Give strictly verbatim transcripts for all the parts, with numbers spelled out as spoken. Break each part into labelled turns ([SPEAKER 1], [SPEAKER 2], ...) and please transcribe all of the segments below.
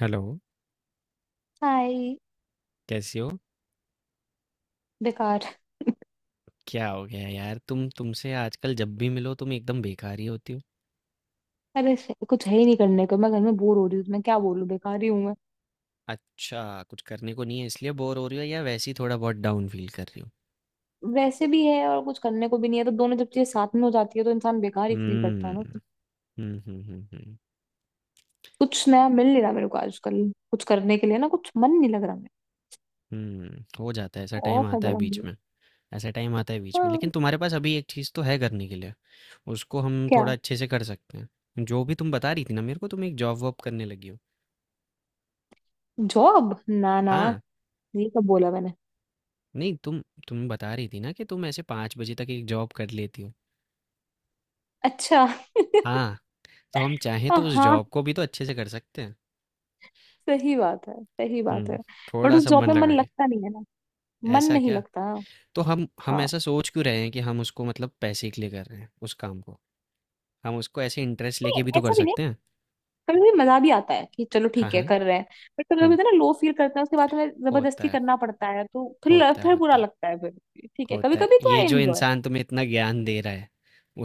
[SPEAKER 1] Hello.
[SPEAKER 2] Hi.
[SPEAKER 1] कैसी हो?
[SPEAKER 2] बेकार।
[SPEAKER 1] क्या हो गया यार, तुम तुमसे आजकल जब भी मिलो तुम एकदम बेकार ही होती हो।
[SPEAKER 2] अरे से- कुछ है ही नहीं करने को। मैं घर में बोर हो रही हूँ तो मैं क्या बोलूँ, बेकार ही हूँ मैं।
[SPEAKER 1] अच्छा। कुछ करने को नहीं है इसलिए बोर हो रही हो, या वैसे ही थोड़ा बहुत डाउन फील कर रही हो?
[SPEAKER 2] वैसे भी है और कुछ करने को भी नहीं है, तो दोनों जब चीजें साथ में हो जाती है तो इंसान बेकार ही फील करता
[SPEAKER 1] हम्म
[SPEAKER 2] है ना, तो
[SPEAKER 1] हम्म हम्म हम्म हम्म,
[SPEAKER 2] कुछ नया मिल नहीं रहा मेरे को आजकल। कुछ करने के लिए ना, कुछ मन नहीं लग रहा।
[SPEAKER 1] हम्म। हो जाता है, ऐसा
[SPEAKER 2] मेरा
[SPEAKER 1] टाइम
[SPEAKER 2] ऑफ है
[SPEAKER 1] आता है
[SPEAKER 2] बड़ा
[SPEAKER 1] बीच
[SPEAKER 2] मुझे।
[SPEAKER 1] में। ऐसा टाइम आता है बीच में, लेकिन
[SPEAKER 2] हाँ।
[SPEAKER 1] तुम्हारे पास अभी एक चीज़ तो है करने के लिए। उसको हम
[SPEAKER 2] क्या?
[SPEAKER 1] थोड़ा अच्छे से कर सकते हैं, जो भी तुम बता रही थी ना मेरे को, तुम एक जॉब वॉब करने लगी हो।
[SPEAKER 2] जॉब, ना ना।
[SPEAKER 1] हाँ,
[SPEAKER 2] ये कब बोला मैंने?
[SPEAKER 1] नहीं तुम तुम बता रही थी ना कि तुम ऐसे पाँच बजे तक एक जॉब कर लेती हो।
[SPEAKER 2] अच्छा।
[SPEAKER 1] हाँ। तो हम चाहें
[SPEAKER 2] हाँ
[SPEAKER 1] तो उस
[SPEAKER 2] हाँ,
[SPEAKER 1] जॉब को भी तो अच्छे से कर सकते हैं।
[SPEAKER 2] सही बात है, सही बात है।
[SPEAKER 1] हुँ,
[SPEAKER 2] बट उस
[SPEAKER 1] थोड़ा-सा
[SPEAKER 2] जॉब
[SPEAKER 1] मन
[SPEAKER 2] में मन
[SPEAKER 1] लगा के।
[SPEAKER 2] लगता नहीं है ना। मन
[SPEAKER 1] ऐसा
[SPEAKER 2] नहीं
[SPEAKER 1] क्या?
[SPEAKER 2] लगता।
[SPEAKER 1] तो हम हम
[SPEAKER 2] हाँ,
[SPEAKER 1] ऐसा सोच क्यों रहे हैं कि हम उसको मतलब पैसे के लिए कर रहे हैं उस काम को? हम उसको ऐसे इंटरेस्ट लेके
[SPEAKER 2] नहीं,
[SPEAKER 1] भी तो कर
[SPEAKER 2] ऐसा भी नहीं।
[SPEAKER 1] सकते हैं।
[SPEAKER 2] कभी कभी मजा भी आता है कि चलो
[SPEAKER 1] हाँ,
[SPEAKER 2] ठीक है
[SPEAKER 1] हाँ।
[SPEAKER 2] कर रहे हैं। बट कभी कभी
[SPEAKER 1] हुँ,
[SPEAKER 2] होता है ना, लो फील करते हैं, उसके बाद हमें
[SPEAKER 1] होता
[SPEAKER 2] जबरदस्ती
[SPEAKER 1] है,
[SPEAKER 2] करना पड़ता है तो फिर
[SPEAKER 1] होता है,
[SPEAKER 2] फिर बुरा
[SPEAKER 1] होता है,
[SPEAKER 2] लगता है फिर। ठीक है, कभी
[SPEAKER 1] होता है।
[SPEAKER 2] कभी तो
[SPEAKER 1] ये
[SPEAKER 2] आई
[SPEAKER 1] जो
[SPEAKER 2] एंजॉय।
[SPEAKER 1] इंसान तुम्हें इतना ज्ञान दे रहा है,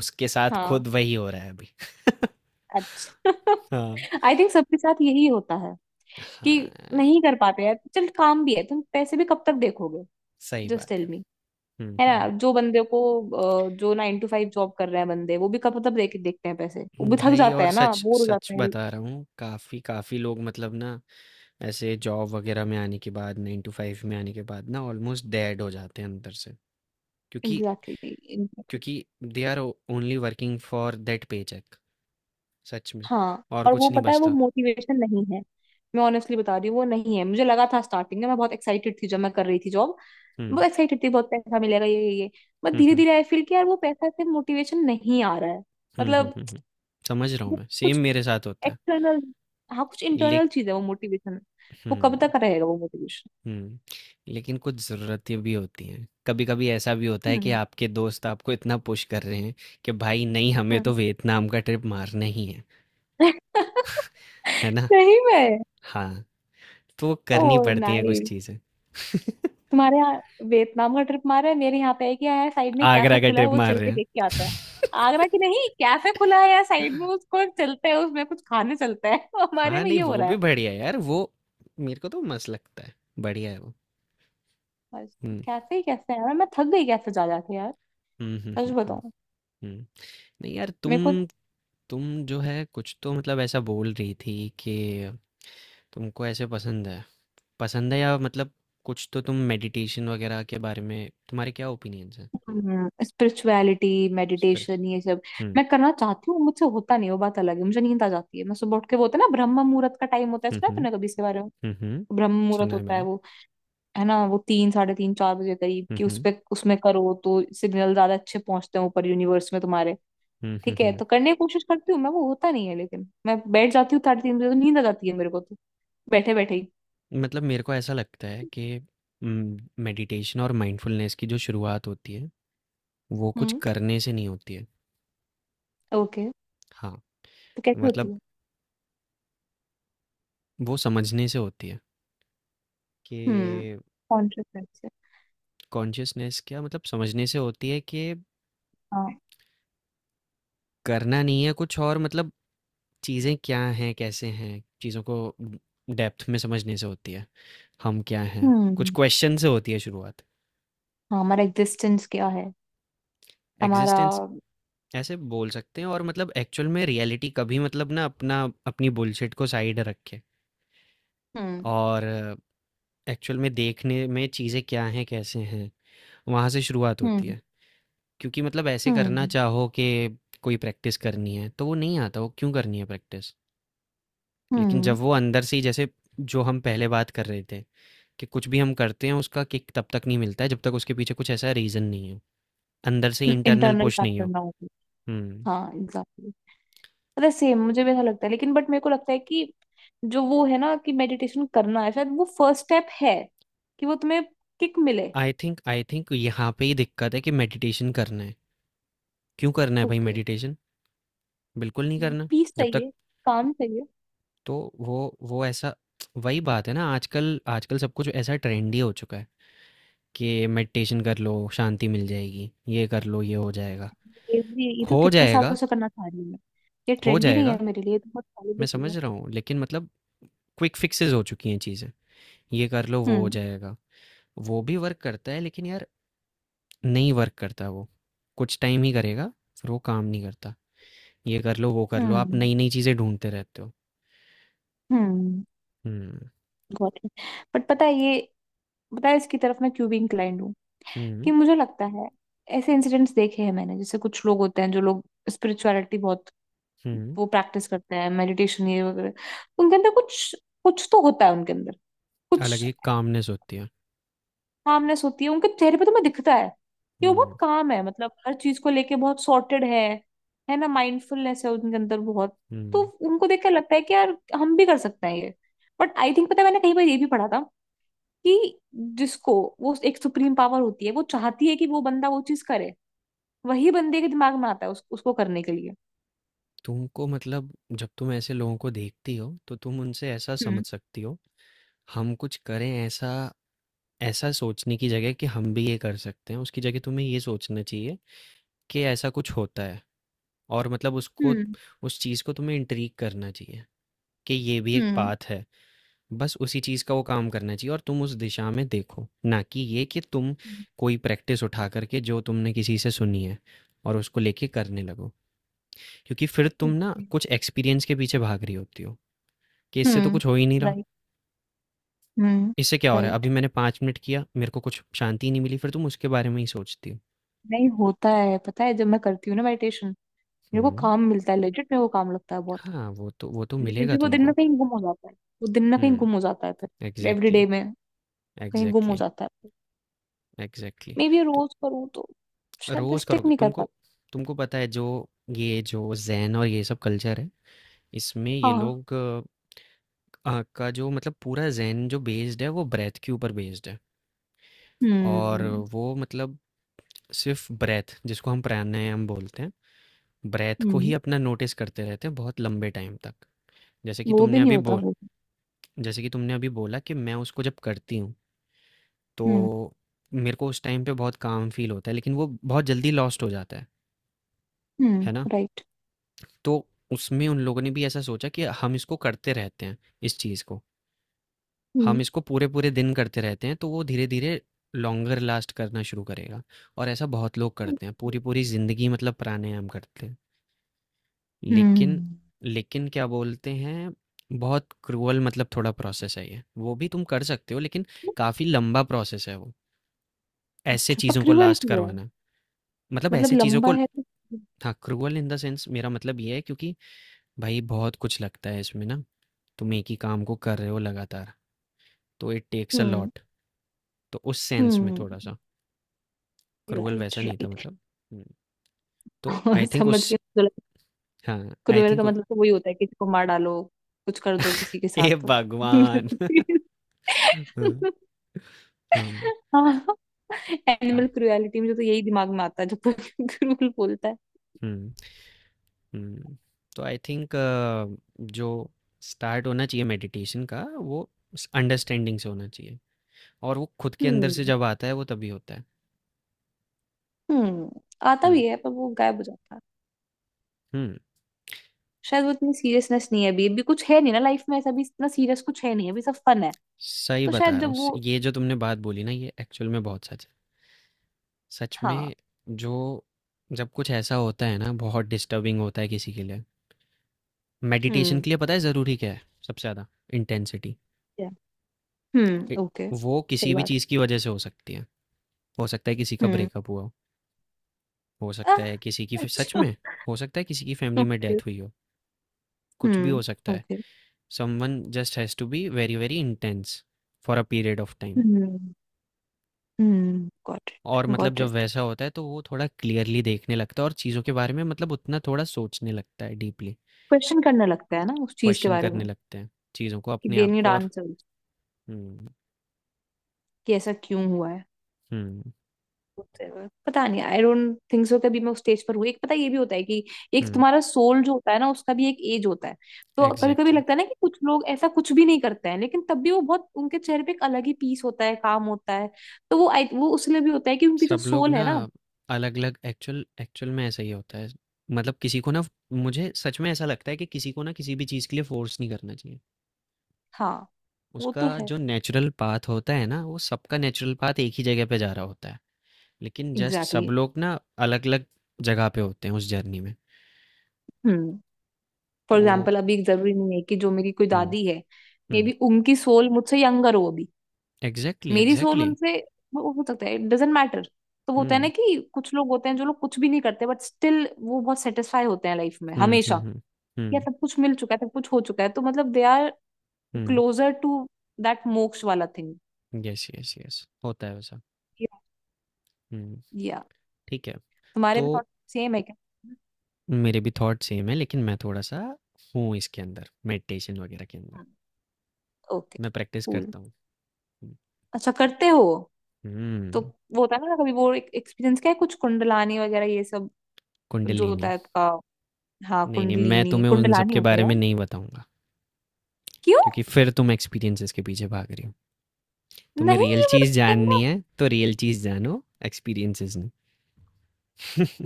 [SPEAKER 1] उसके साथ
[SPEAKER 2] हाँ।
[SPEAKER 1] खुद वही हो रहा है अभी।
[SPEAKER 2] अच्छा।
[SPEAKER 1] हाँ।
[SPEAKER 2] आई थिंक सबके साथ यही होता है कि
[SPEAKER 1] हाँ,
[SPEAKER 2] नहीं कर पाते यार, चल, काम भी है, तुम पैसे भी कब तक देखोगे?
[SPEAKER 1] सही
[SPEAKER 2] जस्ट
[SPEAKER 1] बात
[SPEAKER 2] टेल
[SPEAKER 1] है।
[SPEAKER 2] मी,
[SPEAKER 1] हुँ,
[SPEAKER 2] है ना?
[SPEAKER 1] हुँ,
[SPEAKER 2] जो बंदे को, अ, जो नाइन टू फाइव जॉब कर रहे हैं बंदे, वो भी कब तक देख देखते हैं पैसे? वो
[SPEAKER 1] हुँ।
[SPEAKER 2] भी थक
[SPEAKER 1] भाई,
[SPEAKER 2] जाते
[SPEAKER 1] और
[SPEAKER 2] हैं ना,
[SPEAKER 1] सच
[SPEAKER 2] बोर हो
[SPEAKER 1] सच
[SPEAKER 2] जाते हैं।
[SPEAKER 1] बता रहा हूँ, काफ़ी काफ़ी लोग मतलब ना ऐसे जॉब वगैरह में आने के बाद नाइन टू फाइव में आने के बाद ना ऑलमोस्ट डेड हो जाते हैं अंदर से। क्योंकि
[SPEAKER 2] एग्जैक्टली, exactly, exactly।
[SPEAKER 1] क्योंकि they are only working for that pay check. सच में।
[SPEAKER 2] हाँ,
[SPEAKER 1] और
[SPEAKER 2] और वो
[SPEAKER 1] कुछ नहीं
[SPEAKER 2] पता है, वो
[SPEAKER 1] बचता।
[SPEAKER 2] मोटिवेशन नहीं है। मैं ऑनेस्टली बता रही हूँ वो नहीं है। मुझे लगा था स्टार्टिंग में, मैं बहुत एक्साइटेड थी जब मैं कर रही थी जॉब।
[SPEAKER 1] हम्म
[SPEAKER 2] बहुत एक्साइटेड थी, बहुत पैसा मिलेगा, ये ये ये। बट
[SPEAKER 1] हम्म
[SPEAKER 2] धीरे
[SPEAKER 1] हम्म
[SPEAKER 2] धीरे आई फील कि यार वो पैसा से मोटिवेशन नहीं आ रहा है।
[SPEAKER 1] हम्म हम्म
[SPEAKER 2] मतलब
[SPEAKER 1] हम्म, हम्म। समझ रहा हूँ
[SPEAKER 2] वो
[SPEAKER 1] मैं, सेम
[SPEAKER 2] कुछ
[SPEAKER 1] मेरे साथ होता है।
[SPEAKER 2] एक्सटर्नल। हाँ, कुछ
[SPEAKER 1] ले
[SPEAKER 2] इंटरनल चीज है वो मोटिवेशन। वो कब
[SPEAKER 1] हम्म
[SPEAKER 2] तक रहेगा वो मोटिवेशन?
[SPEAKER 1] हम्म। लेकिन कुछ ज़रूरतें भी होती हैं, कभी कभी ऐसा भी होता है कि
[SPEAKER 2] हम्म
[SPEAKER 1] आपके दोस्त आपको इतना पुश कर रहे हैं कि भाई नहीं, हमें
[SPEAKER 2] हम्म।
[SPEAKER 1] तो वियतनाम का ट्रिप मारना ही है। है ना।
[SPEAKER 2] सही में।
[SPEAKER 1] हाँ, तो वो
[SPEAKER 2] ओ,
[SPEAKER 1] करनी पड़ती हैं कुछ
[SPEAKER 2] नाइस।
[SPEAKER 1] चीज़ें।
[SPEAKER 2] तुम्हारे यहाँ वियतनाम का ट्रिप मारा है, मेरे यहाँ पे एक, यहाँ साइड में कैफे
[SPEAKER 1] आगरा का
[SPEAKER 2] खुला है,
[SPEAKER 1] ट्रिप
[SPEAKER 2] वो
[SPEAKER 1] मार
[SPEAKER 2] चल
[SPEAKER 1] रहे
[SPEAKER 2] के
[SPEAKER 1] हैं।
[SPEAKER 2] देख के आता है। आगरा की नहीं, कैफे खुला है यहाँ साइड में, उसको चलते हैं, उसमें कुछ खाने चलते हैं। हमारे
[SPEAKER 1] हाँ
[SPEAKER 2] में
[SPEAKER 1] नहीं,
[SPEAKER 2] ये हो
[SPEAKER 1] वो
[SPEAKER 2] रहा
[SPEAKER 1] भी
[SPEAKER 2] है
[SPEAKER 1] बढ़िया है यार, वो मेरे को तो मस्त लगता है। बढ़िया है वो।
[SPEAKER 2] बस।
[SPEAKER 1] हम्म
[SPEAKER 2] कैफे ही कैफे है यार, मैं थक गई कैफे जा जाके यार,
[SPEAKER 1] हम्म हम्म
[SPEAKER 2] सच
[SPEAKER 1] हम्म हम्म,
[SPEAKER 2] बताऊं।
[SPEAKER 1] हम्म। नहीं यार,
[SPEAKER 2] मेरे को
[SPEAKER 1] तुम तुम जो है कुछ तो मतलब ऐसा बोल रही थी कि तुमको ऐसे पसंद है, पसंद है या मतलब, कुछ तो तुम मेडिटेशन वगैरह के बारे में तुम्हारे क्या ओपिनियंस हैं
[SPEAKER 2] स्पिरिचुअलिटी
[SPEAKER 1] उस पर?
[SPEAKER 2] मेडिटेशन ये सब
[SPEAKER 1] हम्म
[SPEAKER 2] मैं करना चाहती हूँ, मुझसे होता नहीं, वो बात अलग है। मुझे नींद आ जाती है। मैं सुबह उठ के, वो होता है ना ब्रह्म मुहूर्त का टाइम होता है,
[SPEAKER 1] हम्म
[SPEAKER 2] सुना है
[SPEAKER 1] हम्म
[SPEAKER 2] तूने कभी इसके बारे में?
[SPEAKER 1] हम्म हम्म,
[SPEAKER 2] ब्रह्म मुहूर्त
[SPEAKER 1] सुना है
[SPEAKER 2] होता है
[SPEAKER 1] मैंने।
[SPEAKER 2] वो, है ना? वो तीन साढ़े तीन चार बजे करीब,
[SPEAKER 1] हम्म
[SPEAKER 2] कि उस
[SPEAKER 1] हम्म
[SPEAKER 2] पे, उसमें करो तो सिग्नल ज्यादा अच्छे पहुंचते हैं ऊपर यूनिवर्स में तुम्हारे।
[SPEAKER 1] हम्म हम्म
[SPEAKER 2] ठीक है,
[SPEAKER 1] हम्म।
[SPEAKER 2] तो करने की कोशिश करती हूँ मैं, वो होता नहीं है। लेकिन मैं बैठ जाती हूँ साढ़े तीन बजे तो नींद आ जाती है मेरे को तो, बैठे बैठे ही।
[SPEAKER 1] मतलब मेरे को ऐसा लगता है कि मेडिटेशन और माइंडफुलनेस की जो शुरुआत होती है, वो कुछ
[SPEAKER 2] हम्म।
[SPEAKER 1] करने से नहीं होती है।
[SPEAKER 2] ओके,
[SPEAKER 1] हाँ,
[SPEAKER 2] तो कैसे
[SPEAKER 1] मतलब
[SPEAKER 2] होती है?
[SPEAKER 1] वो समझने से होती है
[SPEAKER 2] हम्म,
[SPEAKER 1] कि
[SPEAKER 2] कॉन्शियस से?
[SPEAKER 1] कॉन्शियसनेस, क्या मतलब समझने से होती है कि
[SPEAKER 2] हाँ।
[SPEAKER 1] करना नहीं है कुछ, और मतलब चीज़ें क्या हैं, कैसे हैं? चीज़ों को डेप्थ में समझने से होती है। हम क्या हैं? कुछ
[SPEAKER 2] हम्म।
[SPEAKER 1] क्वेश्चन से होती है शुरुआत।
[SPEAKER 2] हाँ, हमारा एग्जिस्टेंस क्या है, हमारा।
[SPEAKER 1] एग्ज़िस्टेंस ऐसे बोल सकते हैं, और मतलब एक्चुअल में रियलिटी, कभी मतलब ना अपना अपनी बुलशिट को साइड रखे
[SPEAKER 2] हम्म
[SPEAKER 1] और एक्चुअल में देखने में चीज़ें क्या हैं, कैसे हैं? वहाँ से शुरुआत होती
[SPEAKER 2] हम्म
[SPEAKER 1] है। क्योंकि मतलब ऐसे करना
[SPEAKER 2] हम्म
[SPEAKER 1] चाहो कि कोई प्रैक्टिस करनी है तो वो नहीं आता, वो क्यों करनी है प्रैक्टिस। लेकिन जब
[SPEAKER 2] हम्म।
[SPEAKER 1] वो अंदर से ही, जैसे जो हम पहले बात कर रहे थे, कि कुछ भी हम करते हैं उसका किक तब तक नहीं मिलता है जब तक उसके पीछे कुछ ऐसा रीज़न नहीं हो, अंदर से इंटरनल
[SPEAKER 2] इंटरनल
[SPEAKER 1] पुश नहीं
[SPEAKER 2] फैक्टर
[SPEAKER 1] हो।
[SPEAKER 2] ना हो तो।
[SPEAKER 1] हम्म।
[SPEAKER 2] हाँ एग्जैक्टली। पता है सेम मुझे भी ऐसा लगता है, लेकिन बट मेरे को लगता है कि जो वो है ना कि मेडिटेशन करना है, शायद वो फर्स्ट स्टेप है, कि वो तुम्हें किक मिले।
[SPEAKER 1] आई थिंक आई थिंक यहाँ पे ही दिक्कत है कि मेडिटेशन करना है। क्यों करना है भाई
[SPEAKER 2] ओके।
[SPEAKER 1] मेडिटेशन? बिल्कुल नहीं करना
[SPEAKER 2] पीस
[SPEAKER 1] जब तक।
[SPEAKER 2] चाहिए, काम चाहिए।
[SPEAKER 1] तो वो वो ऐसा, वही बात है ना, आजकल आजकल सब कुछ ऐसा ट्रेंडी हो चुका है कि मेडिटेशन कर लो, शांति मिल जाएगी, ये कर लो, ये हो जाएगा,
[SPEAKER 2] ये भी, ये तो
[SPEAKER 1] हो
[SPEAKER 2] कितने सालों
[SPEAKER 1] जाएगा,
[SPEAKER 2] से करना चाह रही हूँ मैं। ये
[SPEAKER 1] हो
[SPEAKER 2] ट्रेंडी नहीं
[SPEAKER 1] जाएगा।
[SPEAKER 2] है मेरे लिए, ये तो बहुत पहले की
[SPEAKER 1] मैं
[SPEAKER 2] चीज है।
[SPEAKER 1] समझ रहा हूँ, लेकिन मतलब क्विक फिक्सेस हो चुकी हैं चीज़ें, ये कर लो वो हो
[SPEAKER 2] हम्म।
[SPEAKER 1] जाएगा। वो भी वर्क करता है लेकिन यार, नहीं वर्क करता वो, कुछ टाइम ही करेगा, फिर वो काम नहीं करता। ये कर लो वो कर लो, आप
[SPEAKER 2] हम्म
[SPEAKER 1] नई नई चीज़ें ढूंढते रहते हो।
[SPEAKER 2] हम्म
[SPEAKER 1] हम्म
[SPEAKER 2] गॉट इट। बट पता है ये, पता है इसकी तरफ मैं क्यों भी इंक्लाइंड हूँ,
[SPEAKER 1] हम्म
[SPEAKER 2] कि मुझे लगता है, ऐसे इंसिडेंट्स देखे हैं मैंने, जैसे कुछ लोग होते हैं, जो लोग स्पिरिचुअलिटी बहुत,
[SPEAKER 1] हम्म।
[SPEAKER 2] वो प्रैक्टिस करते हैं मेडिटेशन ये वगैरह, उनके अंदर कुछ, कुछ तो होता है उनके अंदर,
[SPEAKER 1] अलग
[SPEAKER 2] कुछ
[SPEAKER 1] ही कामनेस होती है।
[SPEAKER 2] कामनेस होती है उनके चेहरे पे, तो मैं दिखता है कि वो बहुत
[SPEAKER 1] हम्म
[SPEAKER 2] काम है, मतलब हर चीज को लेके बहुत सॉर्टेड है है ना? माइंडफुलनेस है उनके अंदर बहुत। तो
[SPEAKER 1] हम्म।
[SPEAKER 2] उनको देख कर लगता है कि यार हम भी कर सकते हैं ये। बट आई थिंक पता है, मैंने कहीं पर ये भी पढ़ा था, कि जिसको, वो एक सुप्रीम पावर होती है, वो चाहती है कि वो बंदा वो चीज करे, वही बंदे के दिमाग में आता है उस, उसको करने के लिए।
[SPEAKER 1] तुमको मतलब जब तुम ऐसे लोगों को देखती हो तो तुम उनसे ऐसा
[SPEAKER 2] हम्म
[SPEAKER 1] समझ सकती हो, हम कुछ करें ऐसा, ऐसा सोचने की जगह कि हम भी ये कर सकते हैं, उसकी जगह तुम्हें ये सोचना चाहिए कि ऐसा कुछ होता है, और मतलब उसको
[SPEAKER 2] हम्म
[SPEAKER 1] उस चीज़ को तुम्हें इंट्रीग करना चाहिए कि ये भी एक
[SPEAKER 2] हम्म
[SPEAKER 1] पाथ है। बस उसी चीज़ का वो काम करना चाहिए और तुम उस दिशा में देखो, ना कि ये कि तुम कोई प्रैक्टिस उठा कर के जो तुमने किसी से सुनी है और उसको लेके करने लगो। क्योंकि फिर तुम ना
[SPEAKER 2] हम्म।
[SPEAKER 1] कुछ एक्सपीरियंस के पीछे भाग रही होती हो कि इससे तो
[SPEAKER 2] हम्म
[SPEAKER 1] कुछ हो ही नहीं रहा।
[SPEAKER 2] राइट। हम्म
[SPEAKER 1] इससे क्या हो रहा है? अभी
[SPEAKER 2] राइट।
[SPEAKER 1] मैंने 5 मिनट किया, मेरे को कुछ शांति नहीं मिली, फिर तुम उसके बारे में ही सोचती हो।
[SPEAKER 2] नहीं होता है, पता है जब मैं करती हूँ ना मेडिटेशन, मेरे को
[SPEAKER 1] हुँ,
[SPEAKER 2] काम मिलता है, लेजिट मेरे को काम लगता है बहुत।
[SPEAKER 1] हाँ, वो तो वो तो
[SPEAKER 2] लेकिन
[SPEAKER 1] मिलेगा
[SPEAKER 2] फिर वो दिन ना
[SPEAKER 1] तुमको।
[SPEAKER 2] कहीं गुम हो जाता है, वो दिन ना कहीं
[SPEAKER 1] हुँ,
[SPEAKER 2] गुम हो जाता है फिर एवरी
[SPEAKER 1] एग्ज़ैक्टली,
[SPEAKER 2] डे में, कहीं गुम हो
[SPEAKER 1] एग्ज़ैक्टली,
[SPEAKER 2] जाता है।
[SPEAKER 1] एग्ज़ैक्टली।
[SPEAKER 2] मे बी
[SPEAKER 1] तो
[SPEAKER 2] रोज करूँ तो, शायद। मैं
[SPEAKER 1] रोज़
[SPEAKER 2] स्टिक
[SPEAKER 1] करोगे
[SPEAKER 2] नहीं कर
[SPEAKER 1] तुमको।
[SPEAKER 2] पाती।
[SPEAKER 1] तुमको पता है, जो ये जो ज़ेन और ये सब कल्चर है, इसमें ये
[SPEAKER 2] हाँ।
[SPEAKER 1] लोग अ, का जो मतलब पूरा ज़ेन जो बेस्ड है, वो ब्रेथ के ऊपर बेस्ड है, और
[SPEAKER 2] हम्म
[SPEAKER 1] वो मतलब सिर्फ़ ब्रेथ जिसको हम प्राणायाम बोलते हैं, ब्रेथ को
[SPEAKER 2] हम्म।
[SPEAKER 1] ही अपना नोटिस करते रहते हैं बहुत लंबे टाइम तक। जैसे कि
[SPEAKER 2] वो भी
[SPEAKER 1] तुमने
[SPEAKER 2] नहीं
[SPEAKER 1] अभी
[SPEAKER 2] होता
[SPEAKER 1] बोल
[SPEAKER 2] मेरे से।
[SPEAKER 1] जैसे कि तुमने अभी बोला कि मैं उसको जब करती हूँ, तो
[SPEAKER 2] हम्म।
[SPEAKER 1] मेरे को उस टाइम पे बहुत काम फील होता है, लेकिन वो बहुत जल्दी लॉस्ट हो जाता है है ना।
[SPEAKER 2] हम्म राइट।
[SPEAKER 1] तो उसमें उन लोगों ने भी ऐसा सोचा कि हम इसको करते रहते हैं, इस चीज़ को,
[SPEAKER 2] हम्म
[SPEAKER 1] हम इसको पूरे पूरे दिन करते रहते हैं तो वो धीरे धीरे लॉन्गर लास्ट करना शुरू करेगा। और ऐसा बहुत लोग करते हैं पूरी पूरी ज़िंदगी, मतलब प्राणायाम करते हैं, लेकिन
[SPEAKER 2] हम्म।
[SPEAKER 1] लेकिन क्या बोलते हैं, बहुत क्रूअल मतलब थोड़ा प्रोसेस है ये, वो भी तुम कर सकते हो लेकिन काफ़ी लंबा प्रोसेस है वो, ऐसे
[SPEAKER 2] अच्छा
[SPEAKER 1] चीज़ों को
[SPEAKER 2] पक्रिवल
[SPEAKER 1] लास्ट
[SPEAKER 2] क्यों है?
[SPEAKER 1] करवाना, मतलब
[SPEAKER 2] मतलब
[SPEAKER 1] ऐसे चीज़ों
[SPEAKER 2] लंबा
[SPEAKER 1] को।
[SPEAKER 2] है तो-
[SPEAKER 1] हाँ क्रूअल इन द सेंस, मेरा मतलब ये है क्योंकि भाई बहुत कुछ लगता है इसमें ना, तुम एक ही काम को कर रहे हो लगातार, तो it takes a
[SPEAKER 2] hmm.
[SPEAKER 1] Lot. तो उस सेंस में
[SPEAKER 2] हम्म
[SPEAKER 1] थोड़ा सा क्रूअल,
[SPEAKER 2] राइट
[SPEAKER 1] वैसा नहीं था
[SPEAKER 2] राइट।
[SPEAKER 1] मतलब। हम्म, तो आई थिंक
[SPEAKER 2] समझ
[SPEAKER 1] उस,
[SPEAKER 2] गई।
[SPEAKER 1] हाँ आई
[SPEAKER 2] क्रूअल का
[SPEAKER 1] थिंक,
[SPEAKER 2] मतलब तो वही होता है, किसी को मार डालो, कुछ कर दो किसी के
[SPEAKER 1] ए
[SPEAKER 2] साथ। मेरे
[SPEAKER 1] भगवान।
[SPEAKER 2] को,
[SPEAKER 1] हाँ, हाँ
[SPEAKER 2] हाँ,
[SPEAKER 1] हाँ,
[SPEAKER 2] एनिमल क्रुएलिटी मुझे तो यही दिमाग में आता है जब कोई क्रूअल बोलता है।
[SPEAKER 1] हम्म। हुँ, तो आई थिंक जो स्टार्ट होना चाहिए मेडिटेशन का, वो स अंडरस्टैंडिंग से होना चाहिए, और वो खुद के अंदर से
[SPEAKER 2] हम्म।
[SPEAKER 1] जब आता है वो तभी होता है।
[SPEAKER 2] हम्म, आता
[SPEAKER 1] हुँ,
[SPEAKER 2] भी है पर वो गायब हो जाता है।
[SPEAKER 1] हुँ,
[SPEAKER 2] शायद वो इतनी सीरियसनेस नहीं है अभी, अभी कुछ है नहीं ना लाइफ में ऐसा भी, इतना सीरियस कुछ है नहीं अभी, सब फन है।
[SPEAKER 1] सही
[SPEAKER 2] तो
[SPEAKER 1] बता
[SPEAKER 2] शायद
[SPEAKER 1] रहा हूँ,
[SPEAKER 2] जब
[SPEAKER 1] स
[SPEAKER 2] वो,
[SPEAKER 1] ये जो तुमने बात बोली ना, ये एक्चुअल में बहुत सच है। सच में।
[SPEAKER 2] हाँ।
[SPEAKER 1] जो जब कुछ ऐसा होता है ना बहुत डिस्टर्बिंग होता है किसी के लिए, मेडिटेशन
[SPEAKER 2] हम्म।
[SPEAKER 1] के लिए पता है ज़रूरी क्या है सबसे ज़्यादा? इंटेंसिटी।
[SPEAKER 2] Yeah,
[SPEAKER 1] ए
[SPEAKER 2] हम्म ओके।
[SPEAKER 1] वो
[SPEAKER 2] सही
[SPEAKER 1] किसी भी
[SPEAKER 2] बात है।
[SPEAKER 1] चीज़ की वजह से हो सकती है। हो सकता है किसी का
[SPEAKER 2] हम्म।
[SPEAKER 1] ब्रेकअप हुआ हो, हो सकता
[SPEAKER 2] आह,
[SPEAKER 1] है किसी की फ- सच
[SPEAKER 2] अच्छा।
[SPEAKER 1] में हो सकता है किसी की फैमिली में
[SPEAKER 2] ओके।
[SPEAKER 1] डेथ हुई हो, कुछ भी हो
[SPEAKER 2] हम्म
[SPEAKER 1] सकता है।
[SPEAKER 2] Okay.
[SPEAKER 1] Someone just has to be very very intense for a period of time.
[SPEAKER 2] Hmm hmm got it
[SPEAKER 1] और मतलब
[SPEAKER 2] गॉट
[SPEAKER 1] जब
[SPEAKER 2] इट।
[SPEAKER 1] वैसा होता है तो वो थोड़ा क्लियरली देखने लगता है, और चीज़ों के बारे में मतलब उतना थोड़ा सोचने लगता है डीपली,
[SPEAKER 2] क्वेश्चन करने लगता है ना उस चीज के
[SPEAKER 1] क्वेश्चन
[SPEAKER 2] बारे
[SPEAKER 1] करने
[SPEAKER 2] में,
[SPEAKER 1] लगते हैं चीज़ों को,
[SPEAKER 2] कि
[SPEAKER 1] अपने
[SPEAKER 2] दे
[SPEAKER 1] आप
[SPEAKER 2] नीड
[SPEAKER 1] को, और
[SPEAKER 2] आंसर,
[SPEAKER 1] हम्म
[SPEAKER 2] कि ऐसा क्यों हुआ है।
[SPEAKER 1] हम्म
[SPEAKER 2] Whatever। पता नहीं, आई डोंट थिंक सो कभी मैं उस स्टेज पर हुई। एक पता ये भी होता है कि एक
[SPEAKER 1] हम्म,
[SPEAKER 2] तुम्हारा सोल जो होता है ना, उसका भी एक एज होता है, तो कभी कभी
[SPEAKER 1] एग्जैक्टली।
[SPEAKER 2] लगता है ना कि कुछ लोग ऐसा कुछ भी नहीं करते हैं, लेकिन तब भी वो बहुत, उनके चेहरे पे एक अलग ही पीस होता है, काम होता है, तो वो I- वो उसलिए भी होता है कि उनकी जो
[SPEAKER 1] सब लोग
[SPEAKER 2] सोल
[SPEAKER 1] ना
[SPEAKER 2] है ना।
[SPEAKER 1] अलग अलग, एक्चुअल एक्चुअल में ऐसा ही होता है, मतलब किसी को ना, मुझे सच में ऐसा लगता है कि किसी को ना किसी भी चीज़ के लिए फोर्स नहीं करना चाहिए।
[SPEAKER 2] हाँ। वो
[SPEAKER 1] उसका
[SPEAKER 2] तो है।
[SPEAKER 1] जो नेचुरल पाथ होता है ना, वो सबका नेचुरल पाथ एक ही जगह पे जा रहा होता है, लेकिन जस्ट
[SPEAKER 2] एग्जैक्टली
[SPEAKER 1] सब
[SPEAKER 2] exactly।
[SPEAKER 1] लोग ना अलग अलग जगह पे होते हैं उस जर्नी में
[SPEAKER 2] हम्म। फॉर
[SPEAKER 1] तो।
[SPEAKER 2] एग्जाम्पल अभी जरूरी नहीं है कि जो मेरी कोई
[SPEAKER 1] हम्म
[SPEAKER 2] दादी है, मे
[SPEAKER 1] हम्म,
[SPEAKER 2] बी उनकी सोल मुझसे यंगर हो अभी,
[SPEAKER 1] एग्जैक्टली
[SPEAKER 2] मेरी सोल
[SPEAKER 1] एग्जैक्टली।
[SPEAKER 2] उनसे, वो हो सकता है, इट डजेंट मैटर। तो वो होता है ना
[SPEAKER 1] हम्म
[SPEAKER 2] कि कुछ लोग होते हैं, जो लोग कुछ भी नहीं करते, बट स्टिल वो बहुत सेटिस्फाई होते हैं लाइफ में
[SPEAKER 1] हम्म हम्म
[SPEAKER 2] हमेशा,
[SPEAKER 1] हम्म
[SPEAKER 2] या
[SPEAKER 1] हम्म
[SPEAKER 2] सब कुछ मिल चुका है, सब कुछ हो चुका है, तो मतलब they are closer to that moksha वाला थिंग।
[SPEAKER 1] हम्म, यस यस यस, होता है वैसा। हम्म।
[SPEAKER 2] या
[SPEAKER 1] ठीक है।
[SPEAKER 2] तुम्हारे
[SPEAKER 1] तो
[SPEAKER 2] भी थॉट सेम है क्या?
[SPEAKER 1] मेरे भी थॉट सेम है, लेकिन मैं थोड़ा सा हूँ इसके अंदर, मेडिटेशन वगैरह के अंदर
[SPEAKER 2] ओके
[SPEAKER 1] मैं प्रैक्टिस
[SPEAKER 2] कूल,
[SPEAKER 1] करता हूँ।
[SPEAKER 2] अच्छा करते हो। तो
[SPEAKER 1] हम्म।
[SPEAKER 2] वो होता है ना कभी, वो एक एक्सपीरियंस क्या है, कुछ कुंडलानी वगैरह ये सब जो होता
[SPEAKER 1] कुंडलिनी।
[SPEAKER 2] है। हाँ
[SPEAKER 1] नहीं नहीं, मैं
[SPEAKER 2] कुंडलिनी,
[SPEAKER 1] तुम्हें उन सब
[SPEAKER 2] कुंडलानी
[SPEAKER 1] के
[SPEAKER 2] होता है
[SPEAKER 1] बारे
[SPEAKER 2] यार।
[SPEAKER 1] में नहीं बताऊंगा
[SPEAKER 2] क्यों?
[SPEAKER 1] क्योंकि फिर तुम एक्सपीरियंसेस के पीछे भाग रही हो। तुम्हें
[SPEAKER 2] नहीं,
[SPEAKER 1] रियल
[SPEAKER 2] ये मेरे
[SPEAKER 1] चीज़
[SPEAKER 2] को
[SPEAKER 1] जाननी
[SPEAKER 2] करना,
[SPEAKER 1] है तो रियल चीज़ जानो, एक्सपीरियंसेस नहीं।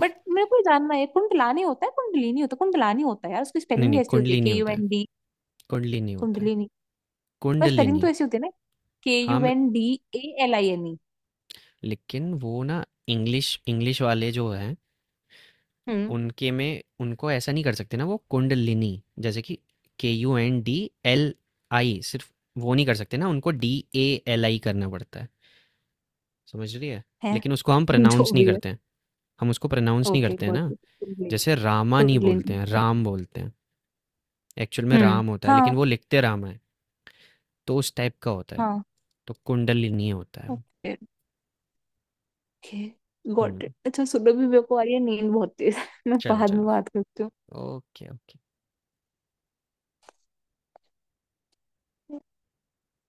[SPEAKER 2] बट मेरे को ये जानना है, कुंडलानी होता है, कुंडलिनी होता है, कुंडलानी होता है यार, उसकी
[SPEAKER 1] नहीं
[SPEAKER 2] स्पेलिंग
[SPEAKER 1] नहीं,
[SPEAKER 2] भी ऐसी होती है,
[SPEAKER 1] कुंडली नहीं
[SPEAKER 2] के यू
[SPEAKER 1] होता है,
[SPEAKER 2] एन डी
[SPEAKER 1] कुंडली नहीं होता है,
[SPEAKER 2] कुंडलिनी पर स्पेलिंग तो
[SPEAKER 1] कुंडलिनी।
[SPEAKER 2] ऐसी होती है ना, के
[SPEAKER 1] हाँ,
[SPEAKER 2] यू
[SPEAKER 1] मैं-
[SPEAKER 2] N D A L I N E
[SPEAKER 1] लेकिन वो ना, इंग्लिश इंग्लिश वाले जो हैं,
[SPEAKER 2] हम्म।
[SPEAKER 1] उनके में उनको ऐसा नहीं कर सकते ना वो कुंडलिनी। जैसे कि K U N D L I, सिर्फ वो नहीं कर सकते ना, उनको डी ए एल आई करना पड़ता है, समझ रही है।
[SPEAKER 2] है।
[SPEAKER 1] लेकिन उसको हम
[SPEAKER 2] जो
[SPEAKER 1] प्रोनाउंस नहीं
[SPEAKER 2] भी है।
[SPEAKER 1] करते हैं, हम उसको प्रोनाउंस नहीं
[SPEAKER 2] ओके
[SPEAKER 1] करते हैं
[SPEAKER 2] गॉट
[SPEAKER 1] ना।
[SPEAKER 2] इट कुंडलिनी।
[SPEAKER 1] जैसे रामा नहीं बोलते
[SPEAKER 2] कुंडलिनी।
[SPEAKER 1] हैं, राम बोलते हैं, एक्चुअल में
[SPEAKER 2] हम्म
[SPEAKER 1] राम होता है लेकिन
[SPEAKER 2] हाँ।
[SPEAKER 1] वो लिखते रामा है, तो उस टाइप का होता है,
[SPEAKER 2] हाँ।
[SPEAKER 1] तो कुंडलिनी होता है वो।
[SPEAKER 2] Okay okay
[SPEAKER 1] hmm.
[SPEAKER 2] Got it. अच्छा सुनो भी, मेरे को आ रही है नींद बहुत तेज। मैं
[SPEAKER 1] चलो
[SPEAKER 2] बाद में
[SPEAKER 1] चलो।
[SPEAKER 2] बात करती हूँ।
[SPEAKER 1] Okay okay.